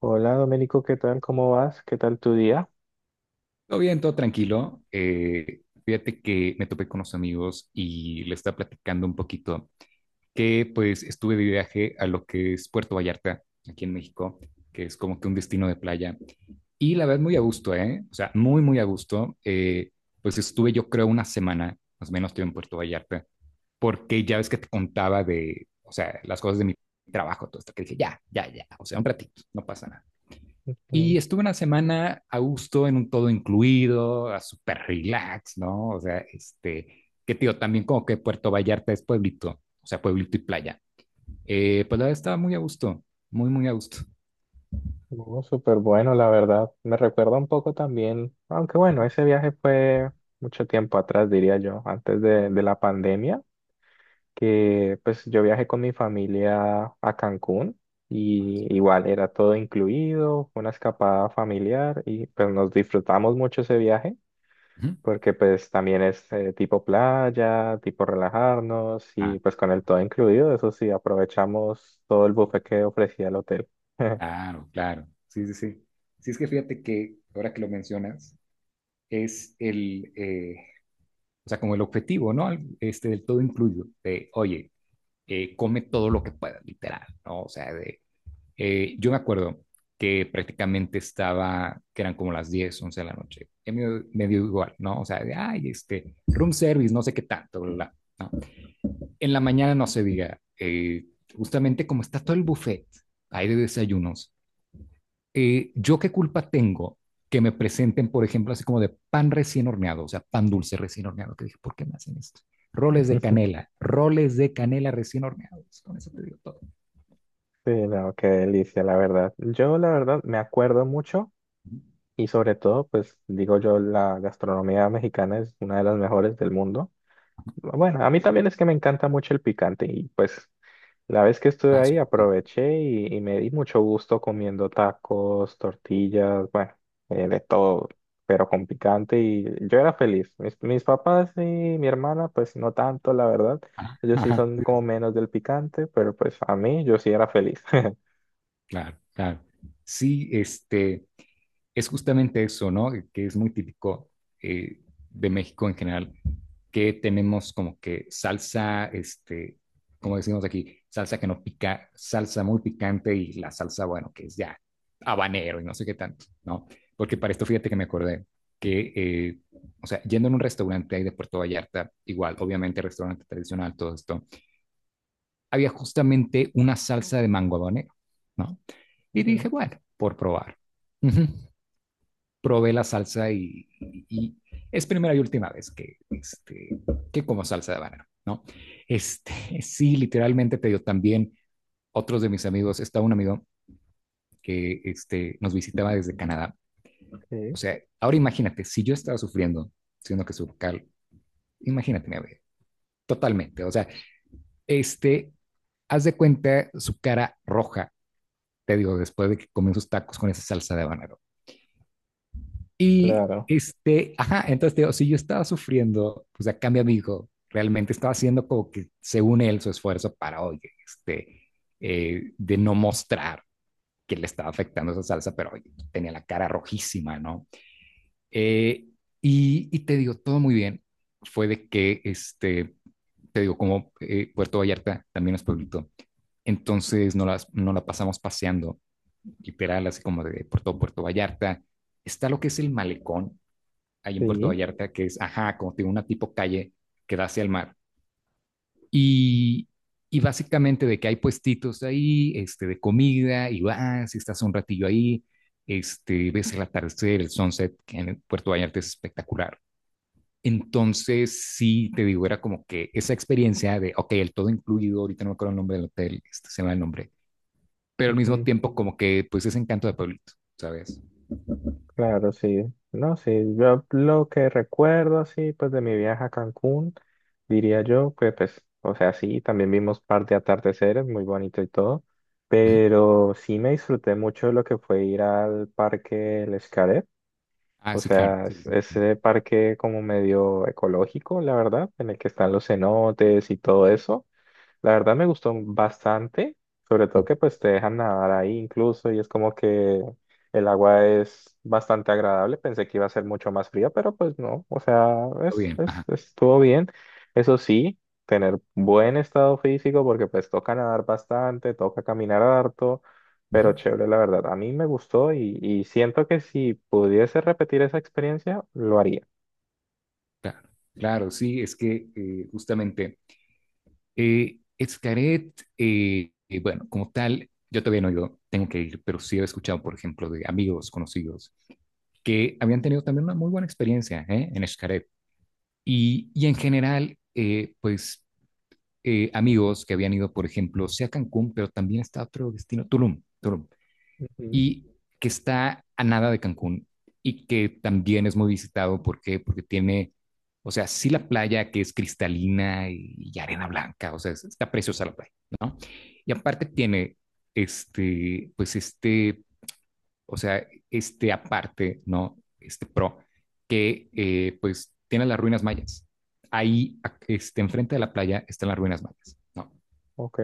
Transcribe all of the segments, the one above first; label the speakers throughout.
Speaker 1: Hola Domenico, ¿qué tal? ¿Cómo vas? ¿Qué tal tu día?
Speaker 2: Todo bien, todo tranquilo. Fíjate que me topé con unos amigos y les estaba platicando un poquito que pues estuve de viaje a lo que es Puerto Vallarta, aquí en México, que es como que un destino de playa. Y la verdad, muy a gusto, ¿eh? O sea, muy, muy a gusto. Pues estuve yo creo una semana, más o menos, estuve en Puerto Vallarta, porque ya ves que te contaba de, o sea, las cosas de mi trabajo, todo esto, que dije, ya, ya, ya, o sea, un ratito, no pasa nada.
Speaker 1: Mm,
Speaker 2: Y estuve una semana a gusto en un todo incluido, a súper relax, ¿no? O sea, este, que tío, también como que Puerto Vallarta es pueblito, o sea, pueblito y playa. Pues la verdad estaba muy a gusto, muy, muy a gusto.
Speaker 1: no, súper bueno, la verdad. Me recuerda un poco también, aunque bueno, ese viaje fue mucho tiempo atrás, diría yo, antes de la pandemia, que pues yo viajé con mi familia a Cancún
Speaker 2: Ah,
Speaker 1: y
Speaker 2: súper,
Speaker 1: igual
Speaker 2: ¿no?
Speaker 1: era todo incluido, fue una escapada familiar y pues nos disfrutamos mucho ese viaje.
Speaker 2: Ujú.
Speaker 1: Porque pues también es tipo playa, tipo relajarnos
Speaker 2: Ah,
Speaker 1: y pues con el todo incluido, eso sí, aprovechamos todo el
Speaker 2: sí,
Speaker 1: buffet que ofrecía el hotel.
Speaker 2: claro, claro. Sí, sí, sí. Sí, es que fíjate que ahora que lo mencionas, es, o sea, como el objetivo, ¿no? Este, del todo incluido, de, oye, come todo lo que puedas, literal, ¿no? O sea, de yo me acuerdo que prácticamente estaba, que eran como las 10 11 de la noche. Y me dio igual, ¿no? O sea, de, ay, este, room service, no sé qué tanto, bla, bla, ¿no? En la mañana no se diga, justamente como está todo el buffet, hay de desayunos, ¿yo qué culpa tengo que me presenten, por ejemplo, así como de pan recién horneado, o sea, pan dulce recién horneado? Que dije, ¿por qué me hacen esto? Roles de canela recién horneados, con eso te digo todo.
Speaker 1: Sí, no, qué delicia, la verdad. Yo la verdad me acuerdo mucho y sobre todo, pues digo yo, la gastronomía mexicana es una de las mejores del mundo. Bueno, a mí también es que me encanta mucho el picante y pues la vez que estuve
Speaker 2: Ah,
Speaker 1: ahí
Speaker 2: súper.
Speaker 1: aproveché y me di mucho gusto comiendo tacos, tortillas, bueno, de todo, pero con picante y yo era feliz. Mis papás y mi hermana, pues no tanto, la verdad. Ellos sí
Speaker 2: Ajá.
Speaker 1: son como menos del picante, pero pues a mí yo sí era feliz.
Speaker 2: Claro, claro. Sí, este, es justamente eso, ¿no? Que es muy típico eh, de México en general, que tenemos como que salsa, este, como decimos aquí, salsa que no pica, salsa muy picante y la salsa, bueno, que es ya habanero y no sé qué tanto, ¿no? Porque para esto fíjate que me acordé que, o sea, yendo en un restaurante ahí de Puerto Vallarta, igual, obviamente restaurante tradicional, todo esto, había justamente una salsa de mango habanero, ¿no? Y dije,
Speaker 1: Ujú.
Speaker 2: bueno, por probar. Ujú. Probé la salsa y es primera y última vez que, este, que como salsa de banano, ¿no? Este, sí, literalmente te digo también otros de mis amigos, está un amigo que este, nos visitaba desde Canadá. O
Speaker 1: Sí.
Speaker 2: sea, ahora imagínate, si yo estaba sufriendo, siendo que su vocal, imagínate mi vida, totalmente. O sea, este, haz de cuenta su cara roja, te digo, después de que comió sus tacos con esa salsa de banano. Y
Speaker 1: Claro,
Speaker 2: este, ajá, entonces te digo, si yo estaba sufriendo, pues acá mi amigo realmente estaba haciendo como que, según él, su esfuerzo para, oye, este, de no mostrar que le estaba afectando esa salsa, pero oye, tenía la cara rojísima, ¿no? Eh, y, te digo, todo muy bien. Fue de que, este, te digo, como Puerto Vallarta también es pueblito, entonces no la pasamos paseando, literal, así como de por todo Puerto Vallarta. Está lo que es el malecón, ahí en Puerto
Speaker 1: sí.
Speaker 2: Vallarta, que es, ajá, como tiene una tipo calle que da hacia el mar. Y, y básicamente de que hay puestitos ahí, este, de comida, y vas, y estás un ratillo ahí, este, ves el atardecer, el sunset, que en Puerto Vallarta es espectacular. Entonces, sí, te digo, era como que esa experiencia de, ok, el todo incluido, ahorita no me acuerdo el nombre del hotel, este, se me va el nombre, pero al mismo
Speaker 1: Ujú.
Speaker 2: tiempo como que, pues, ese encanto de pueblito, ¿sabes?
Speaker 1: Claro, sí. No, sí, yo lo que recuerdo así, pues de mi viaje a Cancún, diría yo que pues, o sea, sí, también vimos parte de atardeceres, muy bonito y todo,
Speaker 2: Uh -huh.
Speaker 1: pero sí me disfruté mucho lo que fue ir al parque El Xcaret,
Speaker 2: Ah,
Speaker 1: o
Speaker 2: sí, claro,
Speaker 1: sea,
Speaker 2: sí, sí.
Speaker 1: ese parque como medio ecológico, la verdad, en el que están los cenotes y todo eso. La verdad me gustó bastante, sobre
Speaker 2: Uh
Speaker 1: todo
Speaker 2: -huh.
Speaker 1: que pues te dejan nadar ahí incluso y es como que el agua es bastante agradable. Pensé que iba a ser mucho más fría, pero pues no, o sea,
Speaker 2: Todo bien, ajá.
Speaker 1: estuvo bien. Eso sí, tener buen estado físico porque pues toca nadar bastante, toca caminar harto,
Speaker 2: Uh
Speaker 1: pero
Speaker 2: -huh.
Speaker 1: chévere, la verdad. A mí me gustó y siento que si pudiese repetir esa experiencia, lo haría.
Speaker 2: Claro, claro, sí, es que justamente Xcaret, bueno, como tal, yo todavía no he ido, tengo que ir, pero sí he escuchado, por ejemplo, de amigos conocidos que habían tenido también una muy buena experiencia, ¿eh?, en Xcaret. Y en general, pues amigos que habían ido, por ejemplo, sí a Cancún, pero también está otro destino, Tulum, Tulum
Speaker 1: Ujú.
Speaker 2: y que está a nada de Cancún y que también es muy visitado porque, tiene, o sea, sí la playa que es cristalina y arena blanca, o sea, está preciosa la playa, ¿no? Y aparte tiene este, pues este, o sea, este aparte, ¿no? Que pues tiene las ruinas mayas. Ahí, este, enfrente de la playa están las ruinas mayas, ¿no?
Speaker 1: Ok.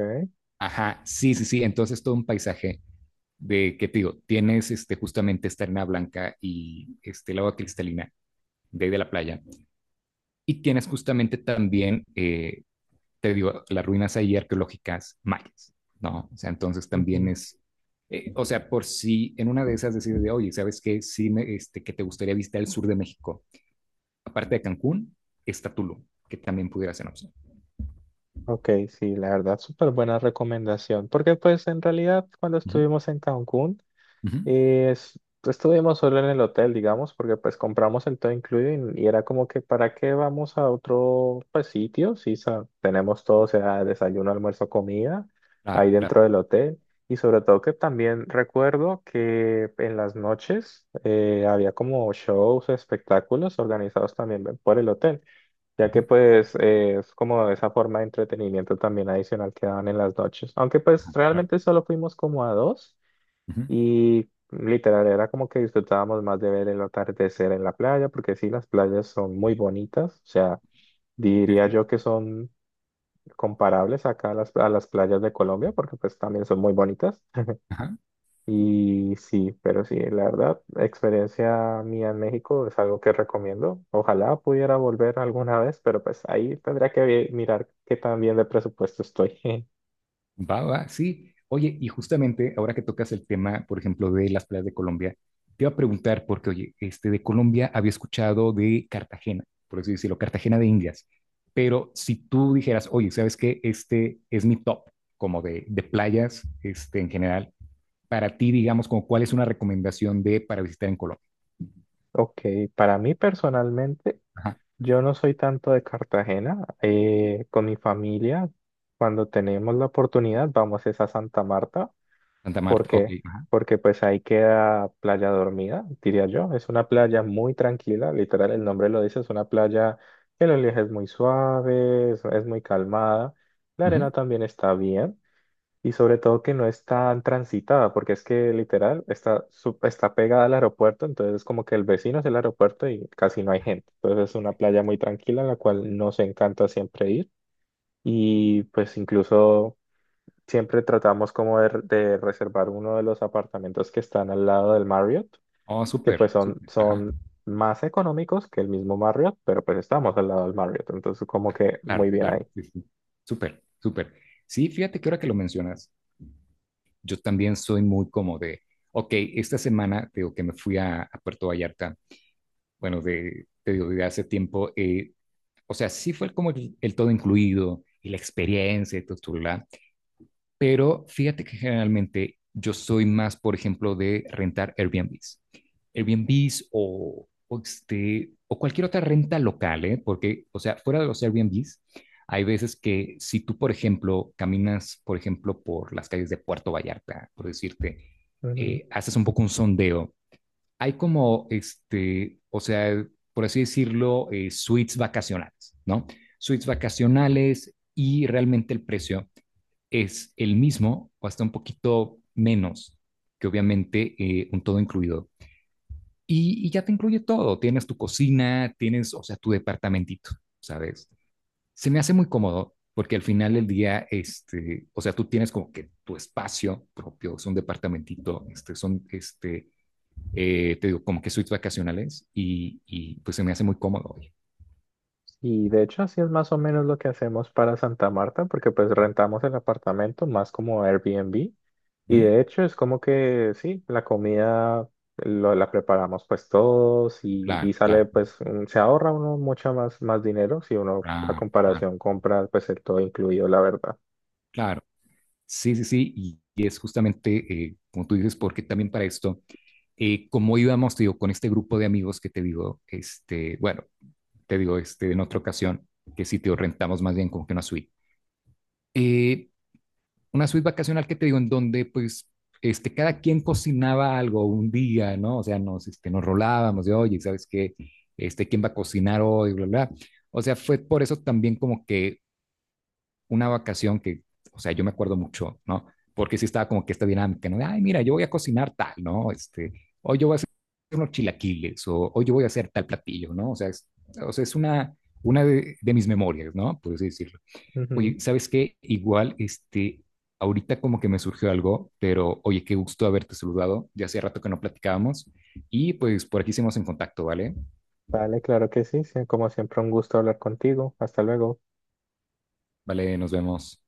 Speaker 2: Ajá, sí, sí, sí, entonces todo un paisaje de que te digo, tienes este, justamente esta arena blanca y este, el agua cristalina de ahí de la playa, y tienes justamente también, te digo, las ruinas ahí arqueológicas mayas, ¿no? O sea, entonces también
Speaker 1: Ujú.
Speaker 2: es, o sea, por si en una de esas decides de, oye, ¿sabes qué? Sí, este, que te gustaría visitar el sur de México. Aparte de Cancún, está Tulum, que también pudiera ser una opción.
Speaker 1: Ok, sí, la verdad, súper buena recomendación, porque pues en realidad cuando
Speaker 2: Uh -huh,
Speaker 1: estuvimos en Cancún,
Speaker 2: uh -huh.
Speaker 1: eh, es- estuvimos solo en el hotel, digamos, porque pues compramos el todo incluido y era como que ¿para qué vamos a otro pues, sitio? Sí, tenemos todo, o sea, desayuno, almuerzo, comida
Speaker 2: Claro,
Speaker 1: ahí
Speaker 2: claro.
Speaker 1: dentro del hotel y sobre todo que también recuerdo que en las noches había como shows, espectáculos organizados también por el hotel ya
Speaker 2: Uh
Speaker 1: que
Speaker 2: -huh,
Speaker 1: pues es como esa forma de entretenimiento también adicional que daban en las noches. Aunque pues
Speaker 2: claro.
Speaker 1: realmente solo fuimos como a dos
Speaker 2: Uh-huh.
Speaker 1: y literal era como que disfrutábamos más de ver el atardecer en la playa, porque sí, las playas son muy bonitas, o sea,
Speaker 2: Sí,
Speaker 1: diría
Speaker 2: sí.
Speaker 1: yo que son comparables acá a a las playas de Colombia, porque pues también son muy bonitas.
Speaker 2: Ajá.
Speaker 1: Y sí, pero sí, la verdad, experiencia mía en México es algo que recomiendo. Ojalá pudiera volver alguna vez, pero pues ahí tendría que mirar qué tan bien de presupuesto estoy.
Speaker 2: Va, va, sí. Oye, y justamente ahora que tocas el tema, por ejemplo, de las playas de Colombia, te iba a preguntar, porque, oye, este, de Colombia había escuchado de Cartagena, por así decirlo, Cartagena de Indias, pero si tú dijeras, oye, ¿sabes qué? Este es mi top, como de playas, este, en general, para ti, digamos, como cuál es una recomendación de para visitar en Colombia.
Speaker 1: Ok, para mí personalmente,
Speaker 2: Ajá,
Speaker 1: yo no soy tanto de Cartagena. Eh, con mi familia, cuando tenemos la oportunidad, vamos es a Santa Marta.
Speaker 2: Santa
Speaker 1: ¿Por
Speaker 2: Marta, ok,
Speaker 1: qué?
Speaker 2: ajá,
Speaker 1: Porque pues ahí queda Playa Dormida, diría yo. Es una playa muy tranquila, literal, el nombre lo dice, es una playa que el oleaje es muy suave, es muy calmada. La
Speaker 2: ujú.
Speaker 1: arena también está bien y sobre todo que no es tan transitada, porque es que literal está, está pegada al aeropuerto, entonces es como que el vecino es el aeropuerto y casi no hay gente. Entonces es una playa muy tranquila en la cual nos encanta siempre ir y pues incluso siempre tratamos como de reservar uno de los apartamentos que están al lado del Marriott,
Speaker 2: Oh,
Speaker 1: que
Speaker 2: súper,
Speaker 1: pues son,
Speaker 2: súper, ajá,
Speaker 1: son más económicos que el mismo Marriott, pero pues estamos al lado del Marriott, entonces como que muy
Speaker 2: claro,
Speaker 1: bien
Speaker 2: claro,
Speaker 1: ahí.
Speaker 2: sí, sí, súper, súper. Sí, fíjate que ahora que lo mencionas, yo también soy muy como de, ok, esta semana, digo que me fui a Puerto Vallarta, bueno, te digo, de hace tiempo, o sea, sí fue como el todo incluido y la experiencia y todo, pero fíjate que generalmente yo soy más, por ejemplo, de rentar Airbnbs. Airbnbs o, este, o cualquier otra renta local, ¿eh? Porque, o sea, fuera de los Airbnbs, hay veces que si tú, por ejemplo, caminas, por ejemplo, por las calles de Puerto Vallarta, por decirte,
Speaker 1: Ujú.
Speaker 2: haces un poco un sondeo, hay como, este, o sea, por así decirlo, suites vacacionales, ¿no? Suites vacacionales y realmente el precio es el mismo o hasta un poquito menos que obviamente un todo incluido. Y ya te incluye todo, tienes tu cocina, tienes, o sea, tu departamentito, ¿sabes? Se me hace muy cómodo porque al final del día, este, o sea, tú tienes como que tu espacio propio, es un departamentito, este, este, te digo, como que suites vacacionales y pues se me hace muy cómodo. Oye.
Speaker 1: Y de hecho así es más o menos lo que hacemos para Santa Marta, porque pues rentamos el apartamento más como Airbnb. Y
Speaker 2: ¿Mm?
Speaker 1: de hecho es como que sí, la comida la preparamos pues todos
Speaker 2: Claro,
Speaker 1: y sale
Speaker 2: claro,
Speaker 1: pues mm, se ahorra uno mucho más, más dinero si uno a
Speaker 2: claro, claro,
Speaker 1: comparación compra pues el todo incluido, la verdad.
Speaker 2: claro. Sí, sí, sí, y es justamente, como tú dices, porque también para esto, como íbamos, te digo, con este grupo de amigos que te digo, este, bueno, te digo, este, en otra ocasión, que sí, te digo, rentamos más bien como que una suite. Eh, una suite vacacional que te digo, en donde, pues, este, cada quien cocinaba algo un día, ¿no? O sea, este, nos rolábamos de, oye, ¿sabes qué? Este, ¿quién va a cocinar hoy? Bla, bla. O sea, fue por eso también como que una vacación que, o sea, yo me acuerdo mucho, ¿no? Porque sí estaba como que esta dinámica, ¿no? De, ay, mira, yo voy a cocinar tal, ¿no? Este, hoy yo voy a hacer unos chilaquiles, o hoy yo voy a hacer tal platillo, ¿no? O sea, es una de mis memorias, ¿no? Por así decirlo.
Speaker 1: Ujú.
Speaker 2: Oye, ¿sabes qué? Igual, este, ahorita como que me surgió algo, pero oye, qué gusto haberte saludado. Ya hacía rato que no platicábamos y pues por aquí seguimos en contacto, ¿vale?
Speaker 1: Vale, claro que sí, sí, como siempre un gusto hablar contigo. Hasta luego.
Speaker 2: Vale, nos vemos.